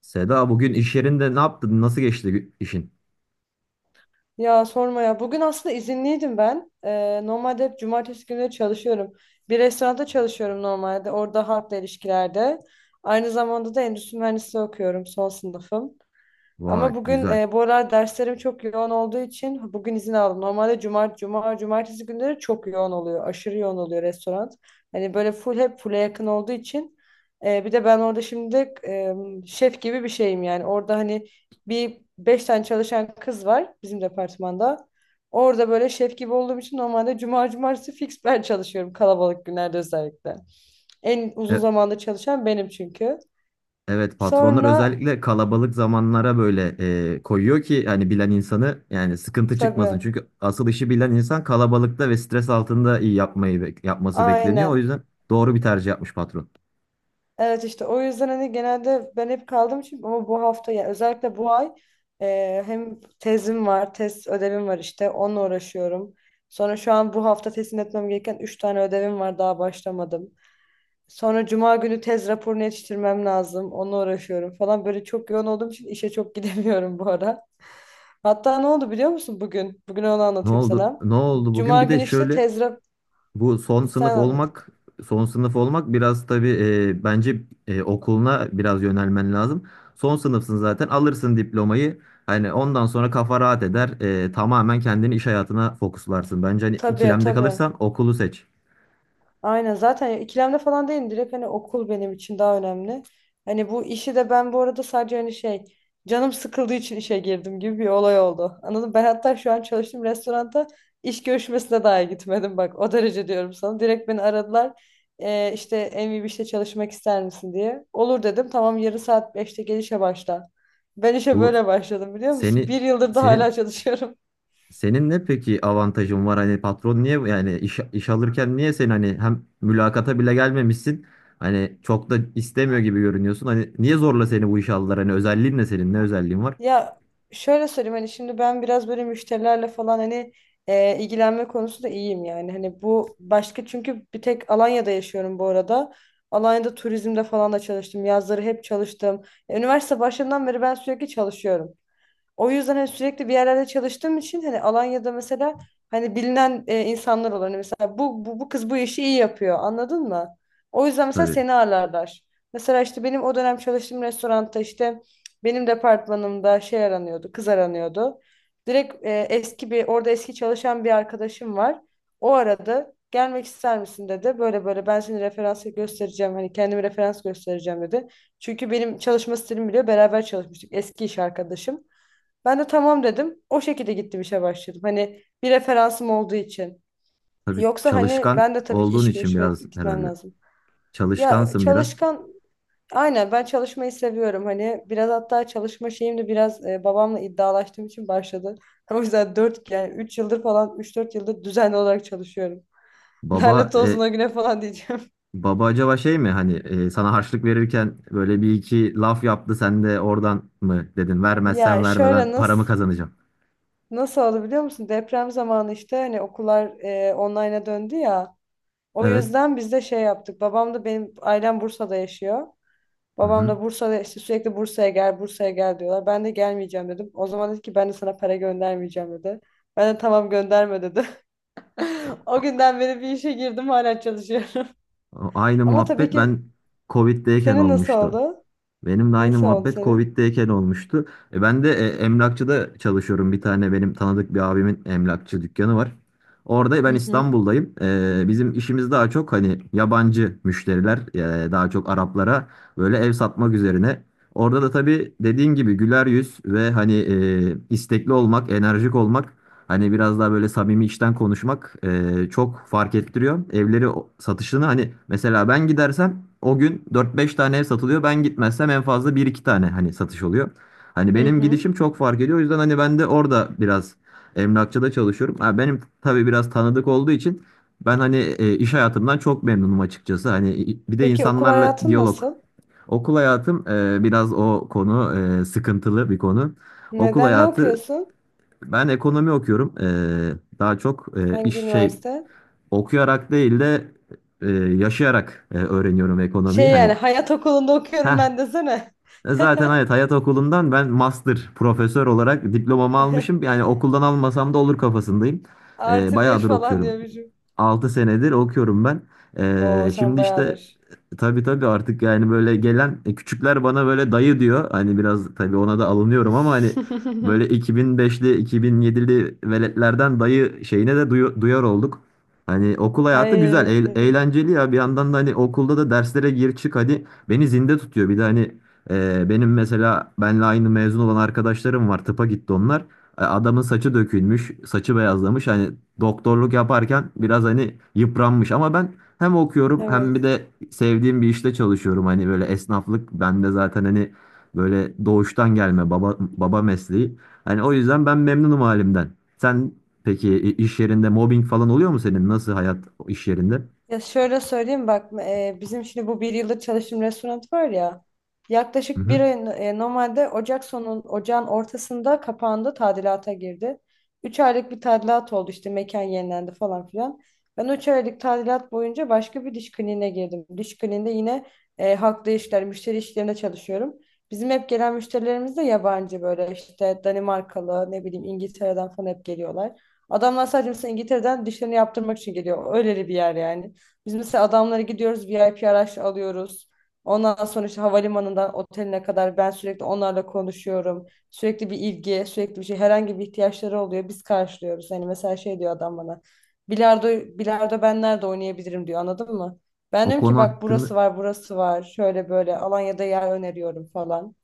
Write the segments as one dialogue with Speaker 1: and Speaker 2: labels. Speaker 1: Seda bugün iş yerinde ne yaptın? Nasıl geçti işin?
Speaker 2: Ya sorma ya. Bugün aslında izinliydim ben. Normalde hep cumartesi günleri çalışıyorum. Bir restoranda çalışıyorum normalde. Orada halkla ilişkilerde. Aynı zamanda da endüstri mühendisliği okuyorum. Son sınıfım. Ama
Speaker 1: Vay
Speaker 2: bugün
Speaker 1: güzel.
Speaker 2: bu aralar derslerim çok yoğun olduğu için bugün izin aldım. Normalde cuma, cumartesi günleri çok yoğun oluyor. Aşırı yoğun oluyor restoran. Hani böyle full'e yakın olduğu için. Bir de ben orada şimdi şef gibi bir şeyim yani. Orada hani bir beş tane çalışan kız var bizim departmanda. Orada böyle şef gibi olduğum için normalde cuma, cumartesi fix ben çalışıyorum kalabalık günlerde özellikle. En
Speaker 1: E-
Speaker 2: uzun zamanda çalışan benim çünkü.
Speaker 1: evet, patronlar
Speaker 2: Sonra
Speaker 1: özellikle kalabalık zamanlara böyle koyuyor ki hani bilen insanı, yani sıkıntı çıkmasın.
Speaker 2: tabii.
Speaker 1: Çünkü asıl işi bilen insan kalabalıkta ve stres altında iyi yapmayı yapması bekleniyor. O
Speaker 2: Aynen.
Speaker 1: yüzden doğru bir tercih yapmış patron.
Speaker 2: Evet, işte o yüzden hani genelde ben hep kaldım çünkü, ama bu hafta yani özellikle bu ay hem tezim var, tez ödevim var, işte onunla uğraşıyorum. Sonra şu an bu hafta teslim etmem gereken 3 tane ödevim var, daha başlamadım. Sonra cuma günü tez raporunu yetiştirmem lazım. Onunla uğraşıyorum falan. Böyle çok yoğun olduğum için işe çok gidemiyorum bu ara. Hatta ne oldu biliyor musun bugün? Bugün onu
Speaker 1: Ne
Speaker 2: anlatayım
Speaker 1: oldu?
Speaker 2: sana.
Speaker 1: Ne oldu bugün?
Speaker 2: Cuma
Speaker 1: Bir de
Speaker 2: günü işte
Speaker 1: şöyle,
Speaker 2: tez rap...
Speaker 1: bu son sınıf
Speaker 2: Sen anlat.
Speaker 1: olmak, son sınıf olmak biraz tabii, bence okuluna biraz yönelmen lazım. Son sınıfsın, zaten alırsın diplomayı. Hani ondan sonra kafa rahat eder. E, tamamen kendini iş hayatına fokuslarsın. Bence hani
Speaker 2: Tabii,
Speaker 1: ikilemde
Speaker 2: tabii.
Speaker 1: kalırsan okulu seç.
Speaker 2: Aynen, zaten ikilemde falan değilim, direkt hani okul benim için daha önemli. Hani bu işi de ben bu arada sadece hani şey, canım sıkıldığı için işe girdim gibi bir olay oldu. Anladım ben, hatta şu an çalıştığım restoranda iş görüşmesine dahi gitmedim, bak o derece diyorum sana. Direkt beni aradılar, işte en iyi bir işte çalışmak ister misin" diye. Olur dedim, tamam, yarın saat 5'te gel işe başla. Ben işe
Speaker 1: Bu
Speaker 2: böyle başladım biliyor musun?
Speaker 1: seni
Speaker 2: Bir yıldır da hala
Speaker 1: senin
Speaker 2: çalışıyorum.
Speaker 1: senin ne peki avantajın var? Hani patron niye, yani iş alırken niye sen hani hem mülakata bile gelmemişsin. Hani çok da istemiyor gibi görünüyorsun. Hani niye zorla seni bu işe aldılar? Hani özelliğin ne senin? Ne özelliğin var?
Speaker 2: Ya şöyle söyleyeyim, hani şimdi ben biraz böyle müşterilerle falan hani ilgilenme konusunda iyiyim yani. Hani bu başka çünkü, bir tek Alanya'da yaşıyorum bu arada. Alanya'da turizmde falan da çalıştım. Yazları hep çalıştım. Üniversite başından beri ben sürekli çalışıyorum. O yüzden hani sürekli bir yerlerde çalıştığım için hani Alanya'da mesela hani bilinen insanlar olan, hani mesela bu kız bu işi iyi yapıyor, anladın mı? O yüzden mesela
Speaker 1: Tabii.
Speaker 2: seni ağırlarlar. Mesela işte benim o dönem çalıştığım restoranda, işte benim departmanımda şey aranıyordu, kız aranıyordu. Direkt eski çalışan bir arkadaşım var. O aradı. Gelmek ister misin dedi. Böyle böyle ben seni referans göstereceğim. Hani kendimi referans göstereceğim dedi. Çünkü benim çalışma stilimi biliyor. Beraber çalışmıştık. Eski iş arkadaşım. Ben de tamam dedim. O şekilde gittim işe başladım. Hani bir referansım olduğu için.
Speaker 1: Tabii
Speaker 2: Yoksa hani
Speaker 1: çalışkan
Speaker 2: ben de tabii ki
Speaker 1: olduğun
Speaker 2: iş
Speaker 1: için
Speaker 2: görüşmek
Speaker 1: biraz
Speaker 2: gitmem
Speaker 1: herhalde.
Speaker 2: lazım. Ya
Speaker 1: Çalışkansın biraz.
Speaker 2: çalışkan, aynen, ben çalışmayı seviyorum. Hani biraz hatta çalışma şeyim de biraz babamla iddialaştığım için başladı. O yüzden 4 yani 3 yıldır falan, üç dört yıldır düzenli olarak çalışıyorum.
Speaker 1: Baba
Speaker 2: Lanet olsun
Speaker 1: e,
Speaker 2: o güne falan diyeceğim.
Speaker 1: Baba acaba şey mi, hani sana harçlık verirken böyle bir iki laf yaptı, sen de oradan mı dedin vermezsen
Speaker 2: Ya
Speaker 1: verme, ben
Speaker 2: şöyle
Speaker 1: paramı
Speaker 2: nasıl
Speaker 1: kazanacağım.
Speaker 2: oldu biliyor musun? Deprem zamanı, işte hani okullar online'a döndü ya. O
Speaker 1: Evet.
Speaker 2: yüzden biz de şey yaptık. Babam da, benim ailem Bursa'da yaşıyor.
Speaker 1: Hı
Speaker 2: Babam
Speaker 1: hı.
Speaker 2: da Bursa'da, işte sürekli Bursa'ya gel, Bursa'ya gel diyorlar. Ben de gelmeyeceğim dedim. O zaman dedi ki, ben de sana para göndermeyeceğim dedi. Ben de tamam gönderme dedi.
Speaker 1: O-
Speaker 2: O günden beri bir işe girdim, hala çalışıyorum.
Speaker 1: Aynı
Speaker 2: Ama tabii
Speaker 1: muhabbet
Speaker 2: ki,
Speaker 1: ben Covid'deyken
Speaker 2: senin nasıl
Speaker 1: olmuştu.
Speaker 2: oldu?
Speaker 1: Benim de aynı
Speaker 2: Nasıl oldu
Speaker 1: muhabbet
Speaker 2: senin?
Speaker 1: Covid'deyken olmuştu. E ben de emlakçıda çalışıyorum. Bir tane benim tanıdık bir abimin emlakçı dükkanı var. Orada
Speaker 2: Hı
Speaker 1: ben
Speaker 2: hı.
Speaker 1: İstanbul'dayım. E, bizim işimiz daha çok hani yabancı müşteriler, daha çok Araplara böyle ev satmak üzerine. Orada da tabii dediğin gibi güler yüz ve hani istekli olmak, enerjik olmak. Hani biraz daha böyle samimi, içten konuşmak çok fark ettiriyor. Evleri satışını hani mesela ben gidersem o gün dört beş tane ev satılıyor. Ben gitmezsem en fazla bir iki tane hani satış oluyor. Hani
Speaker 2: Hı
Speaker 1: benim
Speaker 2: hı.
Speaker 1: gidişim çok fark ediyor. O yüzden hani ben de orada biraz emlakçıda çalışıyorum. Ha, benim tabii biraz tanıdık olduğu için ben hani iş hayatımdan çok memnunum açıkçası. Hani bir de
Speaker 2: Peki okul
Speaker 1: insanlarla
Speaker 2: hayatın
Speaker 1: diyalog.
Speaker 2: nasıl?
Speaker 1: Okul hayatım biraz o konu, sıkıntılı bir konu. Okul
Speaker 2: Neden, ne
Speaker 1: hayatı,
Speaker 2: okuyorsun?
Speaker 1: ben ekonomi okuyorum. Daha çok e,
Speaker 2: Hangi
Speaker 1: iş şey
Speaker 2: üniversite?
Speaker 1: okuyarak değil de yaşayarak öğreniyorum ekonomiyi.
Speaker 2: Şey, yani
Speaker 1: Hani
Speaker 2: hayat okulunda
Speaker 1: ha
Speaker 2: okuyorum ben desene.
Speaker 1: zaten evet, hayat okulundan ben master profesör olarak diplomamı almışım. Yani okuldan almasam da olur kafasındayım. E,
Speaker 2: Artı bir
Speaker 1: bayağıdır
Speaker 2: falan
Speaker 1: okuyorum.
Speaker 2: diyormuşum.
Speaker 1: 6 senedir okuyorum ben.
Speaker 2: Oo,
Speaker 1: E,
Speaker 2: sen
Speaker 1: şimdi işte
Speaker 2: bayağıdır.
Speaker 1: tabii tabii artık yani böyle gelen küçükler bana böyle dayı diyor. Hani biraz tabii ona da alınıyorum ama hani böyle 2005'li 2007'li veletlerden dayı şeyine de duyar olduk. Hani okul hayatı güzel,
Speaker 2: Ay,
Speaker 1: eğlenceli ya. Bir yandan da hani okulda da derslere gir çık hadi beni zinde tutuyor. Bir de hani benim mesela benle aynı mezun olan arkadaşlarım var. Tıpa gitti onlar. Adamın saçı dökülmüş, saçı beyazlamış. Hani doktorluk yaparken biraz hani yıpranmış, ama ben hem okuyorum hem bir
Speaker 2: evet.
Speaker 1: de sevdiğim bir işte çalışıyorum. Hani böyle esnaflık bende zaten hani böyle doğuştan gelme baba mesleği. Hani o yüzden ben memnunum halimden. Sen peki iş yerinde mobbing falan oluyor mu senin? Nasıl hayat iş yerinde?
Speaker 2: Ya şöyle söyleyeyim bak bizim şimdi bu bir yıldır çalıştığım restoran var ya,
Speaker 1: Hı
Speaker 2: yaklaşık bir
Speaker 1: hı.
Speaker 2: ay normalde Ocak sonu, ocağın ortasında kapandı, tadilata girdi. 3 aylık bir tadilat oldu, işte mekan yenilendi falan filan. Ben 3 aylık tadilat boyunca başka bir diş kliniğine girdim. Diş kliniğinde yine halkla işler, müşteri işlerinde çalışıyorum. Bizim hep gelen müşterilerimiz de yabancı, böyle işte Danimarkalı, ne bileyim İngiltere'den falan hep geliyorlar. Adamlar sadece mesela İngiltere'den dişlerini yaptırmak için geliyor. Öyle bir yer yani. Biz mesela adamlara gidiyoruz, VIP araç alıyoruz. Ondan sonra işte havalimanından oteline kadar ben sürekli onlarla konuşuyorum. Sürekli bir ilgi, sürekli bir şey, herhangi bir ihtiyaçları oluyor. Biz karşılıyoruz. Hani mesela şey diyor adam bana. Bilardo, bilardo ben nerede oynayabilirim diyor, anladın mı? Ben
Speaker 1: O
Speaker 2: diyorum ki,
Speaker 1: konu
Speaker 2: bak
Speaker 1: hakkında.
Speaker 2: burası var, burası var. Şöyle böyle Alanya'da yer öneriyorum falan.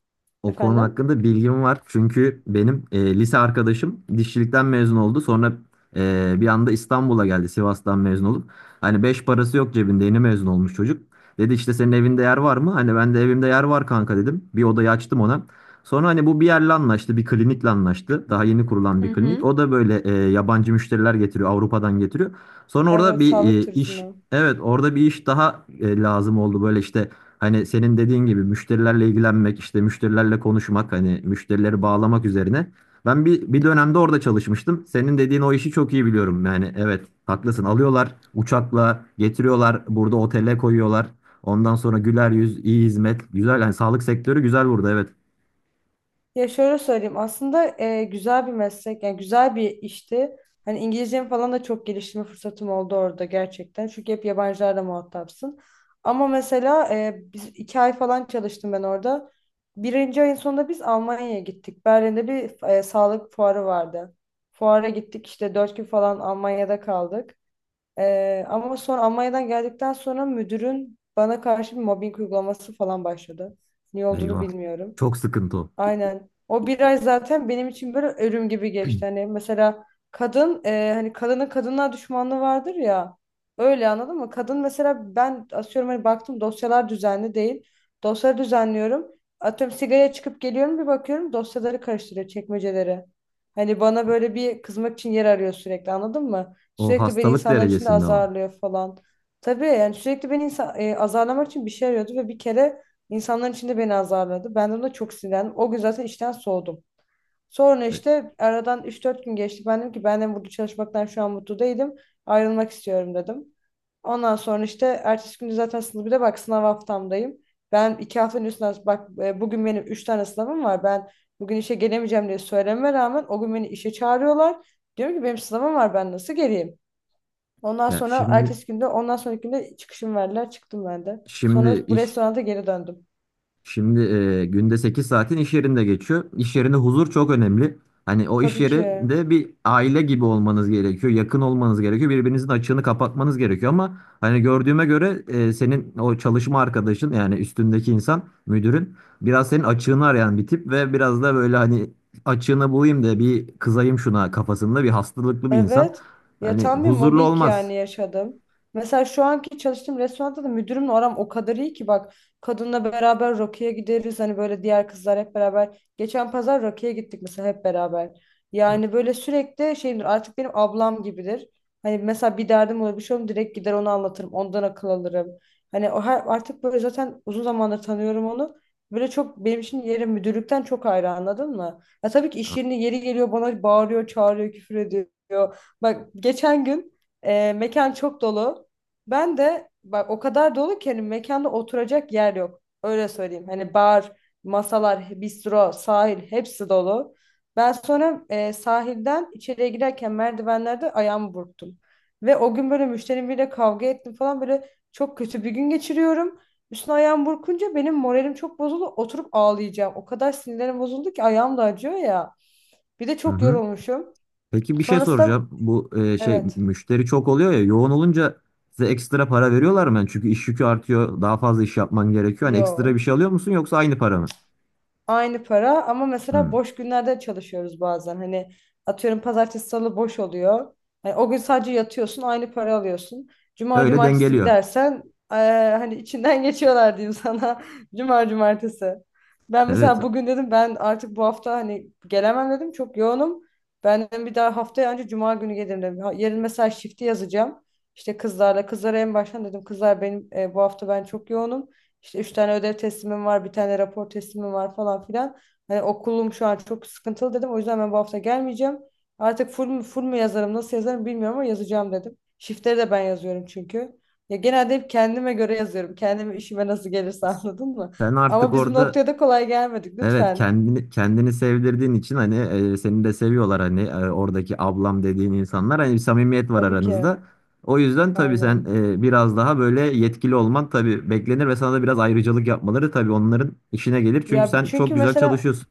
Speaker 1: O konu
Speaker 2: Efendim?
Speaker 1: hakkında bilgim var. Çünkü benim lise arkadaşım dişçilikten mezun oldu. Sonra bir anda İstanbul'a geldi Sivas'tan mezun olup. Hani beş parası yok cebinde, yeni mezun olmuş çocuk. Dedi işte senin evinde yer var mı? Hani ben de evimde yer var kanka dedim. Bir odayı açtım ona. Sonra hani bu bir yerle anlaştı, bir klinikle anlaştı. Daha yeni kurulan
Speaker 2: Hı
Speaker 1: bir klinik. O
Speaker 2: hı.
Speaker 1: da böyle yabancı müşteriler getiriyor, Avrupa'dan getiriyor. Sonra orada
Speaker 2: Evet,
Speaker 1: bir
Speaker 2: sağlık turizmi.
Speaker 1: evet orada bir iş daha lazım oldu. Böyle işte, hani senin dediğin gibi müşterilerle ilgilenmek, işte müşterilerle konuşmak, hani müşterileri bağlamak üzerine. Ben bir dönemde orada çalışmıştım. Senin dediğin o işi çok iyi biliyorum. Yani evet, haklısın. Alıyorlar, uçakla getiriyorlar, burada otele koyuyorlar. Ondan sonra güler yüz, iyi hizmet. Güzel yani, sağlık sektörü güzel burada, evet.
Speaker 2: Ya şöyle söyleyeyim, aslında güzel bir meslek, yani güzel bir işti. Hani İngilizcemi falan da çok geliştirme fırsatım oldu orada, gerçekten. Çünkü hep yabancılarla muhatapsın. Ama mesela biz 2 ay falan çalıştım ben orada. Birinci ayın sonunda biz Almanya'ya gittik. Berlin'de bir sağlık fuarı vardı. Fuara gittik, işte 4 gün falan Almanya'da kaldık. Ama sonra Almanya'dan geldikten sonra müdürün bana karşı bir mobbing uygulaması falan başladı. Niye olduğunu
Speaker 1: Eyvah.
Speaker 2: bilmiyorum.
Speaker 1: Çok sıkıntı o.
Speaker 2: Aynen. O bir ay zaten benim için böyle ölüm gibi geçti. Hani mesela kadın, hani kadının, kadınlar düşmanlığı vardır ya. Öyle, anladın mı? Kadın mesela, ben asıyorum hani, baktım dosyalar düzenli değil. Dosyaları düzenliyorum. Atıyorum sigaraya çıkıp geliyorum, bir bakıyorum dosyaları karıştırıyor, çekmeceleri. Hani bana böyle bir kızmak için yer arıyor sürekli, anladın mı?
Speaker 1: O
Speaker 2: Sürekli beni
Speaker 1: hastalık
Speaker 2: insanların içinde
Speaker 1: derecesinde ama.
Speaker 2: azarlıyor falan. Tabii yani, sürekli beni azarlamak için bir şey arıyordu ve bir kere İnsanların içinde beni azarladı. Ben de ona çok sinirlendim. O gün zaten işten soğudum. Sonra
Speaker 1: E,
Speaker 2: işte aradan üç dört gün geçti. Ben dedim ki, ben de burada çalışmaktan şu an mutlu değilim. Ayrılmak istiyorum dedim. Ondan sonra işte ertesi günü, zaten sınıf, bir de bak, sınav haftamdayım. Ben 2 haftanın üstünden, bak bugün benim üç tane sınavım var. Ben bugün işe gelemeyeceğim diye söylememe rağmen o gün beni işe çağırıyorlar. Diyorum ki, benim sınavım var, ben nasıl geleyim? Ondan
Speaker 1: Ya
Speaker 2: sonra
Speaker 1: şimdi
Speaker 2: ertesi günde, ondan sonraki günde çıkışım verdiler, çıktım ben de. Sonra
Speaker 1: Şimdi
Speaker 2: bu
Speaker 1: iş
Speaker 2: restoranda geri döndüm.
Speaker 1: şimdi günde 8 saatin iş yerinde geçiyor. İş yerinde huzur çok önemli. Hani o iş
Speaker 2: Tabii ki.
Speaker 1: yerinde bir aile gibi olmanız gerekiyor. Yakın olmanız gerekiyor. Birbirinizin açığını kapatmanız gerekiyor, ama hani gördüğüme göre senin o çalışma arkadaşın yani üstündeki insan müdürün biraz senin açığını arayan bir tip ve biraz da böyle hani açığını bulayım da bir kızayım şuna kafasında bir hastalıklı bir insan.
Speaker 2: Evet. Ya
Speaker 1: Hani
Speaker 2: tam bir
Speaker 1: huzurlu
Speaker 2: mobbing
Speaker 1: olmaz.
Speaker 2: yani yaşadım. Mesela şu anki çalıştığım restoranda da müdürümle aram o kadar iyi ki bak, kadınla beraber Rocky'ye gideriz. Hani böyle diğer kızlar hep beraber. Geçen pazar Rocky'ye gittik mesela hep beraber. Yani böyle sürekli şeyimdir artık, benim ablam gibidir. Hani mesela bir derdim olur, bir şey olur, direkt gider onu anlatırım. Ondan akıl alırım. Hani o her, artık böyle zaten uzun zamandır tanıyorum onu. Böyle çok benim için yeri müdürlükten çok ayrı, anladın mı? Ya tabii ki iş yerinde yeri geliyor bana bağırıyor, çağırıyor, küfür ediyor diyor. Bak geçen gün mekan çok dolu. Ben de, bak o kadar dolu ki, hani mekanda oturacak yer yok, öyle söyleyeyim. Hani bar, masalar, bistro, sahil hepsi dolu. Ben sonra sahilden içeriye girerken merdivenlerde ayağımı burktum. Ve o gün böyle müşterim biriyle kavga ettim falan, böyle çok kötü bir gün geçiriyorum. Üstüne ayağım burkunca benim moralim çok bozuldu. Oturup ağlayacağım. O kadar sinirlerim bozuldu ki, ayağım da acıyor ya. Bir de
Speaker 1: Hı
Speaker 2: çok
Speaker 1: hı.
Speaker 2: yorulmuşum.
Speaker 1: Peki bir şey
Speaker 2: Sonrasında.
Speaker 1: soracağım. Bu
Speaker 2: Evet.
Speaker 1: müşteri çok oluyor ya, yoğun olunca size ekstra para veriyorlar mı? Yani çünkü iş yükü artıyor. Daha fazla iş yapman gerekiyor. Hani ekstra bir
Speaker 2: Yo.
Speaker 1: şey alıyor musun, yoksa aynı para mı?
Speaker 2: Aynı para ama mesela
Speaker 1: Hmm.
Speaker 2: boş günlerde çalışıyoruz bazen. Hani atıyorum pazartesi salı boş oluyor. Hani o gün sadece yatıyorsun, aynı para alıyorsun. Cuma
Speaker 1: Öyle
Speaker 2: cumartesi
Speaker 1: dengeliyor.
Speaker 2: gidersen eee, hani içinden geçiyorlar diyeyim sana. Cuma cumartesi. Ben
Speaker 1: Evet.
Speaker 2: mesela bugün dedim, ben artık bu hafta hani gelemem dedim, çok yoğunum. Ben dedim bir daha haftaya, önce cuma günü gelirim dedim. Yarın mesela shift'i yazacağım. İşte kızlara en baştan dedim, kızlar benim bu hafta ben çok yoğunum. İşte üç tane ödev teslimim var, bir tane rapor teslimim var falan filan. Hani okulum şu an çok sıkıntılı dedim. O yüzden ben bu hafta gelmeyeceğim. Artık full mu yazarım, nasıl yazarım bilmiyorum, ama yazacağım dedim. Shift'leri de ben yazıyorum çünkü. Ya genelde hep kendime göre yazıyorum. Kendime, işime nasıl gelirse, anladın mı?
Speaker 1: Sen artık
Speaker 2: Ama biz bu
Speaker 1: orada
Speaker 2: noktaya da kolay gelmedik
Speaker 1: evet,
Speaker 2: lütfen.
Speaker 1: kendini sevdirdiğin için hani seni de seviyorlar, hani oradaki ablam dediğin insanlar, hani bir samimiyet var
Speaker 2: Tabii ki.
Speaker 1: aranızda. O yüzden tabii sen
Speaker 2: Aynen.
Speaker 1: biraz daha böyle yetkili olman tabii beklenir ve sana da biraz ayrıcalık yapmaları tabii onların işine gelir. Çünkü
Speaker 2: Ya
Speaker 1: sen çok
Speaker 2: çünkü
Speaker 1: güzel
Speaker 2: mesela,
Speaker 1: çalışıyorsun.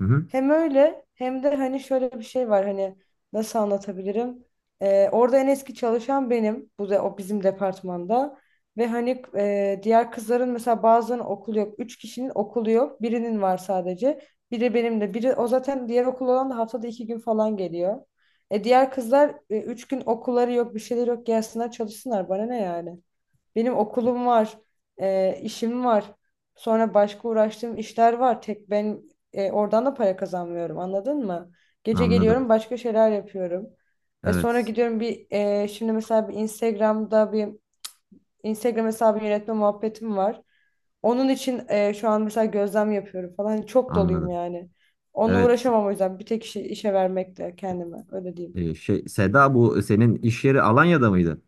Speaker 1: Hı hı,
Speaker 2: hem öyle hem de hani şöyle bir şey var, hani nasıl anlatabilirim? Orada en eski çalışan benim. Bu da o bizim departmanda. Ve hani diğer kızların mesela bazılarının okulu yok. Üç kişinin okulu yok. Birinin var sadece. Biri benim de. Biri o, zaten diğer okul olan da haftada 2 gün falan geliyor. Diğer kızlar, 3 gün okulları yok, bir şeyleri yok. Gelsinler çalışsınlar, bana ne yani? Benim okulum var, işim var. Sonra başka uğraştığım işler var. Tek ben oradan da para kazanmıyorum, anladın mı? Gece
Speaker 1: anladım.
Speaker 2: geliyorum, başka şeyler yapıyorum. Sonra
Speaker 1: Evet,
Speaker 2: gidiyorum bir şimdi mesela bir Instagram hesabı yönetme muhabbetim var. Onun için şu an mesela gözlem yapıyorum falan. Hani çok doluyum
Speaker 1: anladım.
Speaker 2: yani. Onunla
Speaker 1: Evet,
Speaker 2: uğraşamam, o yüzden bir tek işe vermekle kendime, öyle diyeyim.
Speaker 1: Seda, bu senin iş yeri Alanya'da mıydı?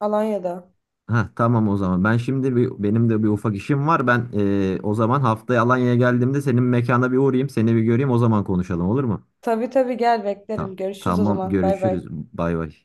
Speaker 2: Alanya'da.
Speaker 1: Ha tamam, o zaman. Ben şimdi bir, benim de bir ufak işim var. Ben o zaman haftaya Alanya'ya geldiğimde senin mekana bir uğrayayım, seni bir göreyim. O zaman konuşalım, olur mu?
Speaker 2: Tabii, tabii, gel beklerim.
Speaker 1: Tamam.
Speaker 2: Görüşürüz o
Speaker 1: Tamam,
Speaker 2: zaman. Bay bay.
Speaker 1: görüşürüz. Bay bay.